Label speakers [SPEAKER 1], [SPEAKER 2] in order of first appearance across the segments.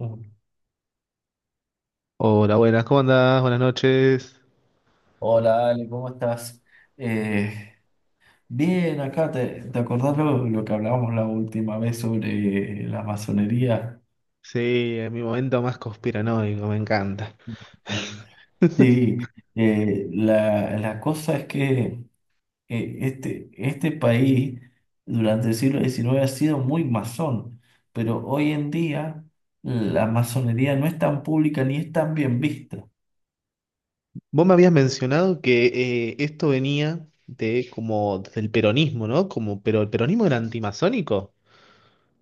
[SPEAKER 1] Mm.
[SPEAKER 2] Hola, buenas, ¿cómo andás? Buenas noches.
[SPEAKER 1] Hola Ale, ¿cómo estás? Eh, bien, acá ¿te acordás lo que hablábamos la última vez sobre la masonería?
[SPEAKER 2] Sí, es mi momento más conspiranoico, me encanta.
[SPEAKER 1] Sí, la cosa es que este país durante el siglo XIX ha sido muy masón, pero hoy en día la masonería no es tan pública ni es tan bien vista.
[SPEAKER 2] Vos me habías mencionado que esto venía de como del peronismo, ¿no? Como, pero el peronismo era antimasónico.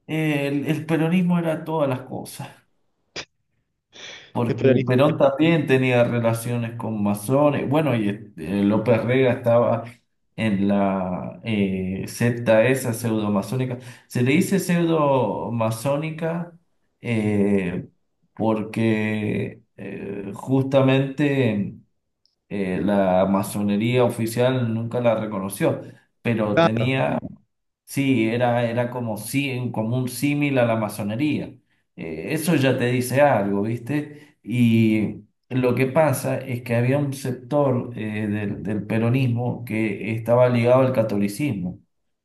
[SPEAKER 1] El peronismo era todas las cosas.
[SPEAKER 2] Es
[SPEAKER 1] Porque
[SPEAKER 2] peronista.
[SPEAKER 1] Perón también tenía relaciones con masones. Bueno, y López Rega estaba en la secta esa pseudo-masónica. Se le dice pseudo-masónica eh, porque justamente la masonería oficial nunca la reconoció, pero
[SPEAKER 2] Claro,
[SPEAKER 1] tenía. Sí, era como, sí, como un símil a la masonería. Eso ya te dice algo, ¿viste? Y lo que pasa es que había un sector del peronismo que estaba ligado al catolicismo,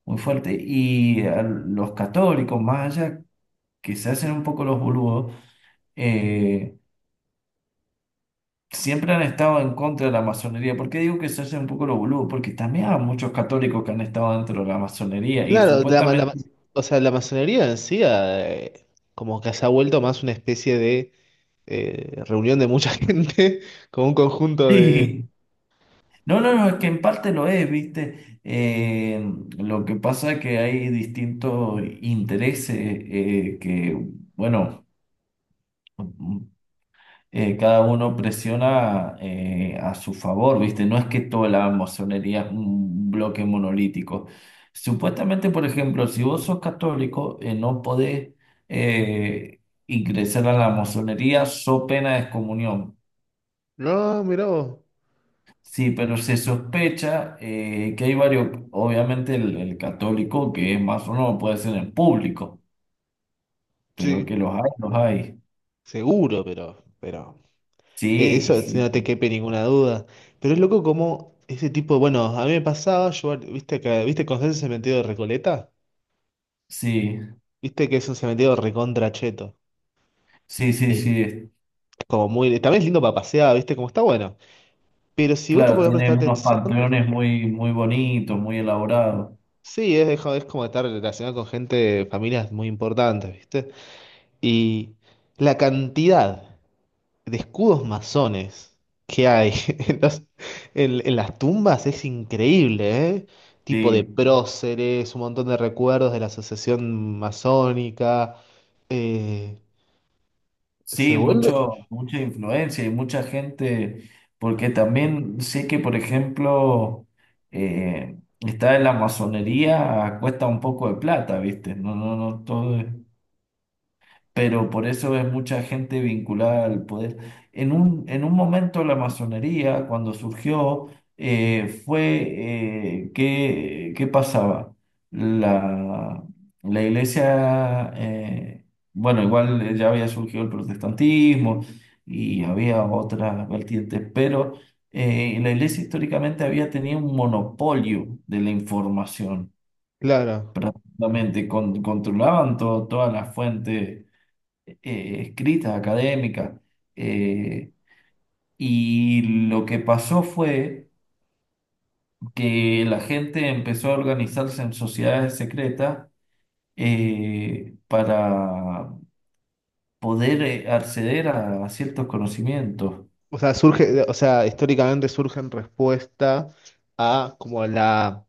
[SPEAKER 1] muy fuerte, y a los católicos, más allá que se hacen un poco los boludos, eh, siempre han estado en contra de la masonería. ¿Por qué digo que se hacen un poco los boludos? Porque también hay muchos católicos que han estado dentro de la masonería y
[SPEAKER 2] claro,
[SPEAKER 1] supuestamente...
[SPEAKER 2] o sea, la masonería en sí como que se ha vuelto más una especie de reunión de mucha gente, como un conjunto de.
[SPEAKER 1] Sí. No, no, no, es que en parte lo es, ¿viste? Lo que pasa es que hay distintos intereses que, bueno, cada uno presiona a su favor, ¿viste? No es que toda la masonería es un bloque monolítico. Supuestamente, por ejemplo, si vos sos católico, no podés eh, ingresar a la masonería, so pena de excomunión.
[SPEAKER 2] No, mirá vos.
[SPEAKER 1] Sí, pero se sospecha que hay varios, obviamente el católico que es más o no puede ser en público, pero
[SPEAKER 2] Sí,
[SPEAKER 1] que los hay, los hay.
[SPEAKER 2] seguro, pero. Eso
[SPEAKER 1] Sí, sí,
[SPEAKER 2] no te quepe ninguna duda. Pero es loco como ese tipo, bueno, a mí me pasaba, yo, viste, ¿conocés el cementerio de Recoleta?
[SPEAKER 1] sí,
[SPEAKER 2] Viste que es un cementerio recontra cheto.
[SPEAKER 1] sí, sí,
[SPEAKER 2] Eh,
[SPEAKER 1] sí.
[SPEAKER 2] Como muy, también es lindo para pasear, viste, como está bueno. Pero si vos te
[SPEAKER 1] Claro,
[SPEAKER 2] podés prestar
[SPEAKER 1] tienen unos
[SPEAKER 2] atención,
[SPEAKER 1] pantalones muy, muy bonitos, muy elaborados.
[SPEAKER 2] sí, es, es como estar relacionado con gente, familias muy importantes, viste. Y la cantidad de escudos masones que hay en las, en las tumbas es increíble, ¿eh? Tipo de
[SPEAKER 1] Sí,
[SPEAKER 2] próceres, un montón de recuerdos de la asociación masónica. eh, Se
[SPEAKER 1] sí,
[SPEAKER 2] vuelve.
[SPEAKER 1] mucha influencia y mucha gente, porque también sé que, por ejemplo, eh, estar en la masonería cuesta un poco de plata, ¿viste? No, no, no, todo es... pero por eso es mucha gente vinculada al poder. En un momento la masonería, cuando surgió, fue, qué pasaba? La, la iglesia, bueno, igual ya había surgido el protestantismo y había otras vertientes, pero la iglesia históricamente había tenido un monopolio de la información.
[SPEAKER 2] Claro.
[SPEAKER 1] Justamente, controlaban todas las fuentes escrita, académica. eh, y lo que pasó fue que la gente empezó a organizarse en sociedades secretas para poder acceder a ciertos conocimientos.
[SPEAKER 2] O sea, surge, o sea, históricamente surge en respuesta a como la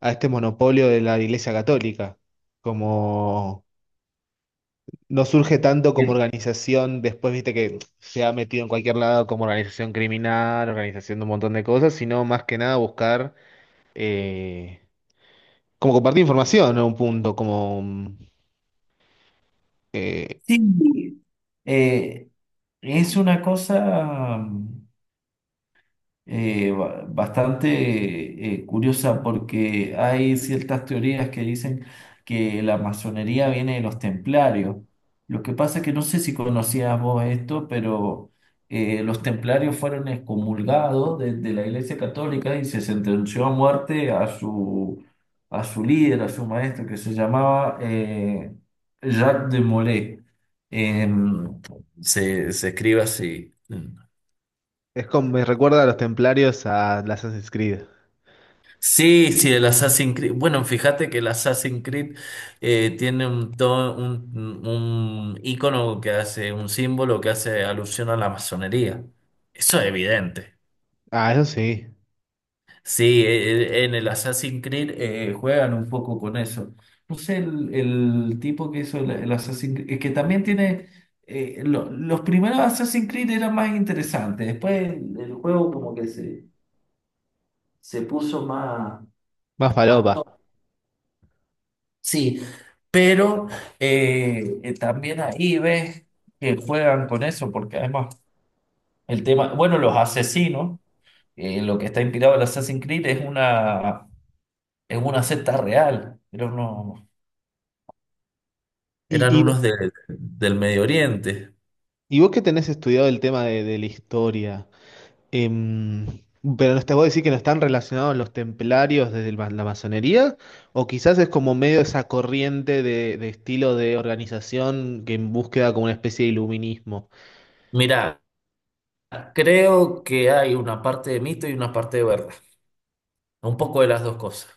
[SPEAKER 2] a este monopolio de la Iglesia Católica. Como no surge tanto como
[SPEAKER 1] Bien.
[SPEAKER 2] organización, después viste que se ha metido en cualquier lado como organización criminal, organización de un montón de cosas, sino más que nada buscar eh, como compartir información a un punto, eh,
[SPEAKER 1] Sí, eh, es una cosa bastante curiosa porque hay ciertas teorías que dicen que la masonería viene de los templarios. Lo que pasa es que no sé si conocías vos esto, pero los templarios fueron excomulgados de la Iglesia Católica y se sentenció a muerte a su líder, a su maestro, que se llamaba Jacques de Molay. Em, se escribe así.
[SPEAKER 2] es como me recuerda a los templarios a las Assassin's Creed.
[SPEAKER 1] Sí, sí, el Assassin's Creed. Bueno, fíjate que el Assassin's Creed tiene un icono que hace, un símbolo que hace alusión a la masonería. Eso es evidente.
[SPEAKER 2] Ah, eso sí,
[SPEAKER 1] Sí, en el Assassin's Creed juegan un poco con eso. No sé, el tipo que hizo el Assassin's Creed, que también tiene... Los primeros Assassin's Creed eran más interesantes. Después el juego como que se puso más...
[SPEAKER 2] más
[SPEAKER 1] más
[SPEAKER 2] falopa.
[SPEAKER 1] Sí, pero también ahí ves que juegan con eso, porque además el tema, bueno, los asesinos, lo que está inspirado el Assassin's Creed es una secta real, eran unos,
[SPEAKER 2] Y,
[SPEAKER 1] eran
[SPEAKER 2] y,
[SPEAKER 1] unos de- del Medio Oriente.
[SPEAKER 2] y vos que tenés estudiado el tema de la historia, Em, pero no te voy a decir que no están relacionados los templarios desde la masonería, o quizás es como medio esa corriente de estilo de organización que en búsqueda como una especie de iluminismo.
[SPEAKER 1] Mira, creo que hay una parte de mito y una parte de verdad, un poco de las dos cosas.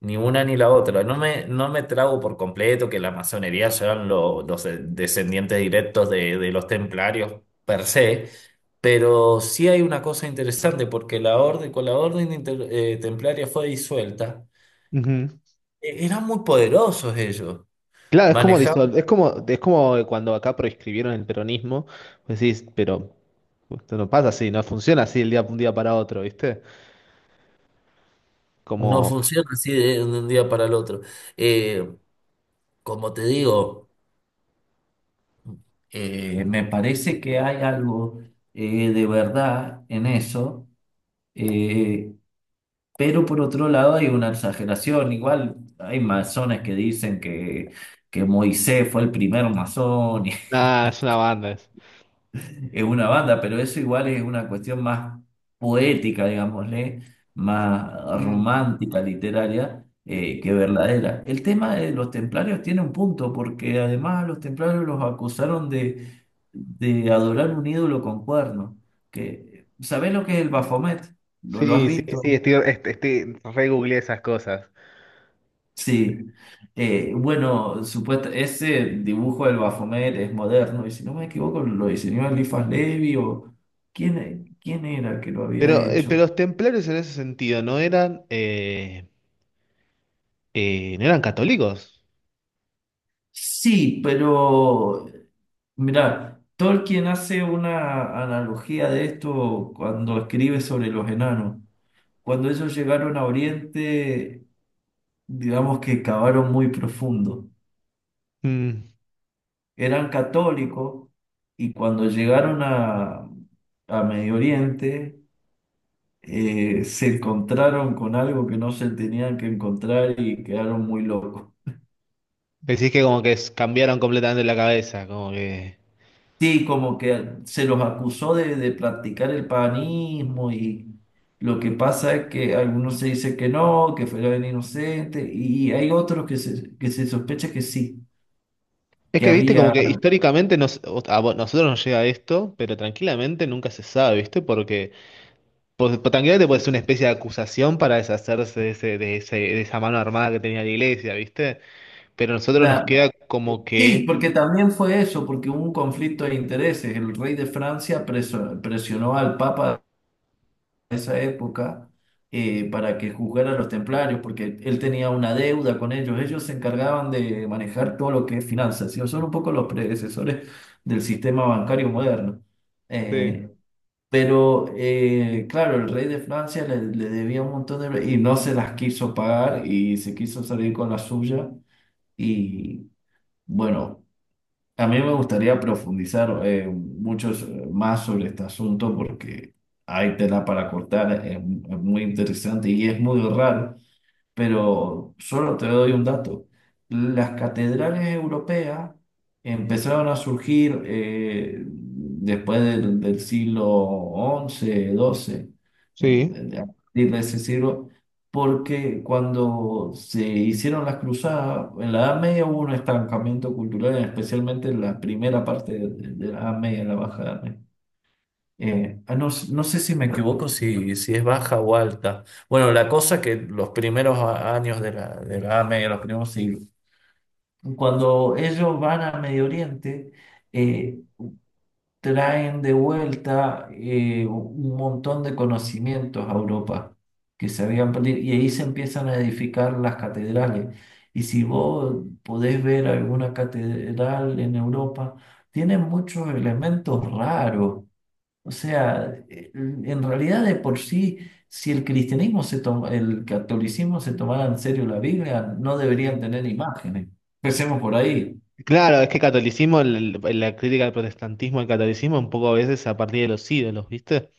[SPEAKER 1] Ni una ni la otra. No me trago por completo que la masonería sean descendientes directos de los templarios per se, pero sí hay una cosa interesante, porque con la orden templaria fue disuelta,
[SPEAKER 2] Ujú.
[SPEAKER 1] eran muy poderosos ellos,
[SPEAKER 2] Claro, es como,
[SPEAKER 1] manejaban,
[SPEAKER 2] disol- es como cuando acá proscribieron el peronismo, pues decís, pero esto no pasa así, no funciona así el día, un día para otro, ¿viste?
[SPEAKER 1] no
[SPEAKER 2] Como,
[SPEAKER 1] funciona así de un día para el otro. Eh, como te digo, me parece que hay algo de verdad en eso. Eh, Pero por otro lado hay una exageración, igual hay masones que dicen que, Moisés fue el primer masón, y
[SPEAKER 2] nada, es una banda.
[SPEAKER 1] es una banda, pero eso igual es una cuestión más poética, digámosle, más
[SPEAKER 2] Mm.
[SPEAKER 1] romántica, literaria, que verdadera. El tema de los templarios tiene un punto, porque además a los templarios los acusaron de adorar un ídolo con cuernos. ¿Sabés lo que es el Bafomet? ¿Lo has
[SPEAKER 2] Sí, sí,
[SPEAKER 1] visto?
[SPEAKER 2] sí, estoy, re googleé esas cosas.
[SPEAKER 1] Sí. Bueno, supuesto, ese dibujo del Baphomet es moderno y si no me equivoco lo diseñó Eliphas Levi o ¿quién era que lo había
[SPEAKER 2] Pero
[SPEAKER 1] hecho?
[SPEAKER 2] los templarios en ese sentido no eran, no eran católicos.
[SPEAKER 1] Sí, pero mira, Tolkien hace una analogía de esto cuando escribe sobre los enanos. Cuando ellos llegaron a Oriente, digamos que cavaron muy profundo.
[SPEAKER 2] Mm.
[SPEAKER 1] Eran católicos y cuando llegaron a, Medio Oriente, se encontraron con algo que no se tenían que encontrar y quedaron muy locos.
[SPEAKER 2] Decís que como que cambiaron completamente la cabeza, como que...
[SPEAKER 1] Sí, como que se los acusó de practicar el paganismo y lo que pasa es que algunos se dice que no, que fueron inocentes y hay otros que se sospecha que sí,
[SPEAKER 2] Es
[SPEAKER 1] que
[SPEAKER 2] que, viste, como
[SPEAKER 1] había
[SPEAKER 2] que históricamente nos, nosotros nos llega esto, pero tranquilamente nunca se sabe, viste, porque pues, tranquilamente puede ser una especie de acusación para deshacerse de esa mano armada que tenía la iglesia, viste, pero a nosotros nos
[SPEAKER 1] la...
[SPEAKER 2] queda como
[SPEAKER 1] Sí,
[SPEAKER 2] que...
[SPEAKER 1] porque también fue eso, porque hubo un conflicto de intereses. El rey de Francia presionó al Papa esa época para que juzgara a los templarios, porque él tenía una deuda con ellos. Ellos se encargaban de manejar todo lo que es finanzas, ¿sí? Son un poco los predecesores del sistema bancario moderno.
[SPEAKER 2] Sí,
[SPEAKER 1] Eh, pero, claro, el rey de Francia le debía un montón de... y no se las quiso pagar y se quiso salir con la suya. Y bueno. También me gustaría profundizar más sobre este asunto porque hay tela para cortar, es muy interesante y es muy raro pero solo te doy un dato. Las catedrales europeas empezaron a surgir después del siglo once doce
[SPEAKER 2] sí.
[SPEAKER 1] a partir de ese siglo, porque cuando se hicieron las cruzadas, en la Edad Media hubo un estancamiento cultural, especialmente en la primera parte de la Edad Media, en la Baja Edad Media. No sé si me equivoco, si es baja o alta. Bueno, la cosa que los primeros años de la Edad Media, los primeros siglos, cuando ellos van a Medio Oriente, eh, traen de vuelta un montón de conocimientos a Europa que se habían perdido y ahí se empiezan a edificar las catedrales. Y si vos podés ver alguna catedral en Europa, tiene muchos elementos raros, o sea, en realidad de por sí, si el cristianismo se toma, el catolicismo se tomara en serio la Biblia, no deberían tener imágenes. Empecemos por ahí.
[SPEAKER 2] Claro, es que catolicismo, la crítica al protestantismo, al catolicismo, un poco a veces a partir de los ídolos, ¿viste?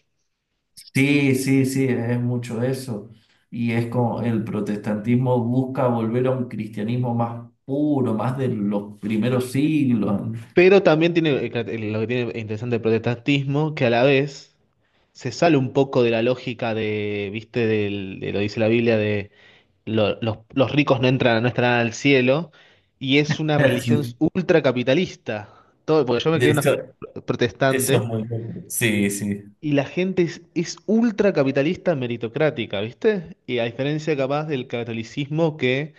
[SPEAKER 1] Sí, sí, sí, es mucho eso. Y es como el protestantismo busca volver a un cristianismo más puro, más de los primeros siglos.
[SPEAKER 2] Pero también tiene lo que tiene interesante el protestantismo, que a la vez se sale un poco de la lógica de, ¿viste? De lo dice la Biblia, de los ricos no entran, no estarán al cielo, y es una religión
[SPEAKER 1] Sí.
[SPEAKER 2] ultracapitalista. Todo, porque yo me
[SPEAKER 1] De
[SPEAKER 2] creé una
[SPEAKER 1] Eso, eso es
[SPEAKER 2] protestante.
[SPEAKER 1] muy bueno. Sí, sí.
[SPEAKER 2] Y la gente es, ultracapitalista meritocrática, ¿viste? Y a diferencia capaz del catolicismo que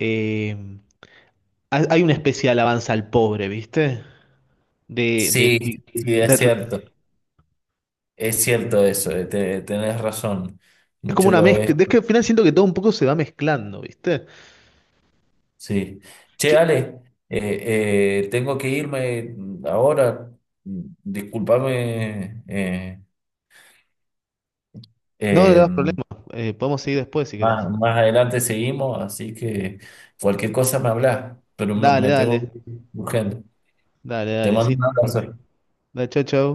[SPEAKER 2] Eh, hay una especie de alabanza al pobre, ¿viste? De,
[SPEAKER 1] Sí,
[SPEAKER 2] de-
[SPEAKER 1] sí, es
[SPEAKER 2] de-
[SPEAKER 1] cierto. Es cierto eso, tenés razón.
[SPEAKER 2] es como
[SPEAKER 1] Mucho
[SPEAKER 2] una
[SPEAKER 1] lo
[SPEAKER 2] mezcla.
[SPEAKER 1] ves.
[SPEAKER 2] Es que al final siento que todo un poco se va mezclando, ¿viste?
[SPEAKER 1] Sí.
[SPEAKER 2] Che,
[SPEAKER 1] Che, Ale, tengo que irme ahora. Discúlpame,
[SPEAKER 2] no, no te
[SPEAKER 1] eh,
[SPEAKER 2] das problema. Podemos seguir después si querés.
[SPEAKER 1] más adelante seguimos, así que cualquier cosa me hablas, pero
[SPEAKER 2] Dale,
[SPEAKER 1] me
[SPEAKER 2] dale.
[SPEAKER 1] tengo que ir urgente.
[SPEAKER 2] Dale,
[SPEAKER 1] Te
[SPEAKER 2] dale,
[SPEAKER 1] mando
[SPEAKER 2] sí.
[SPEAKER 1] un abrazo.
[SPEAKER 2] Dale, chau, chau.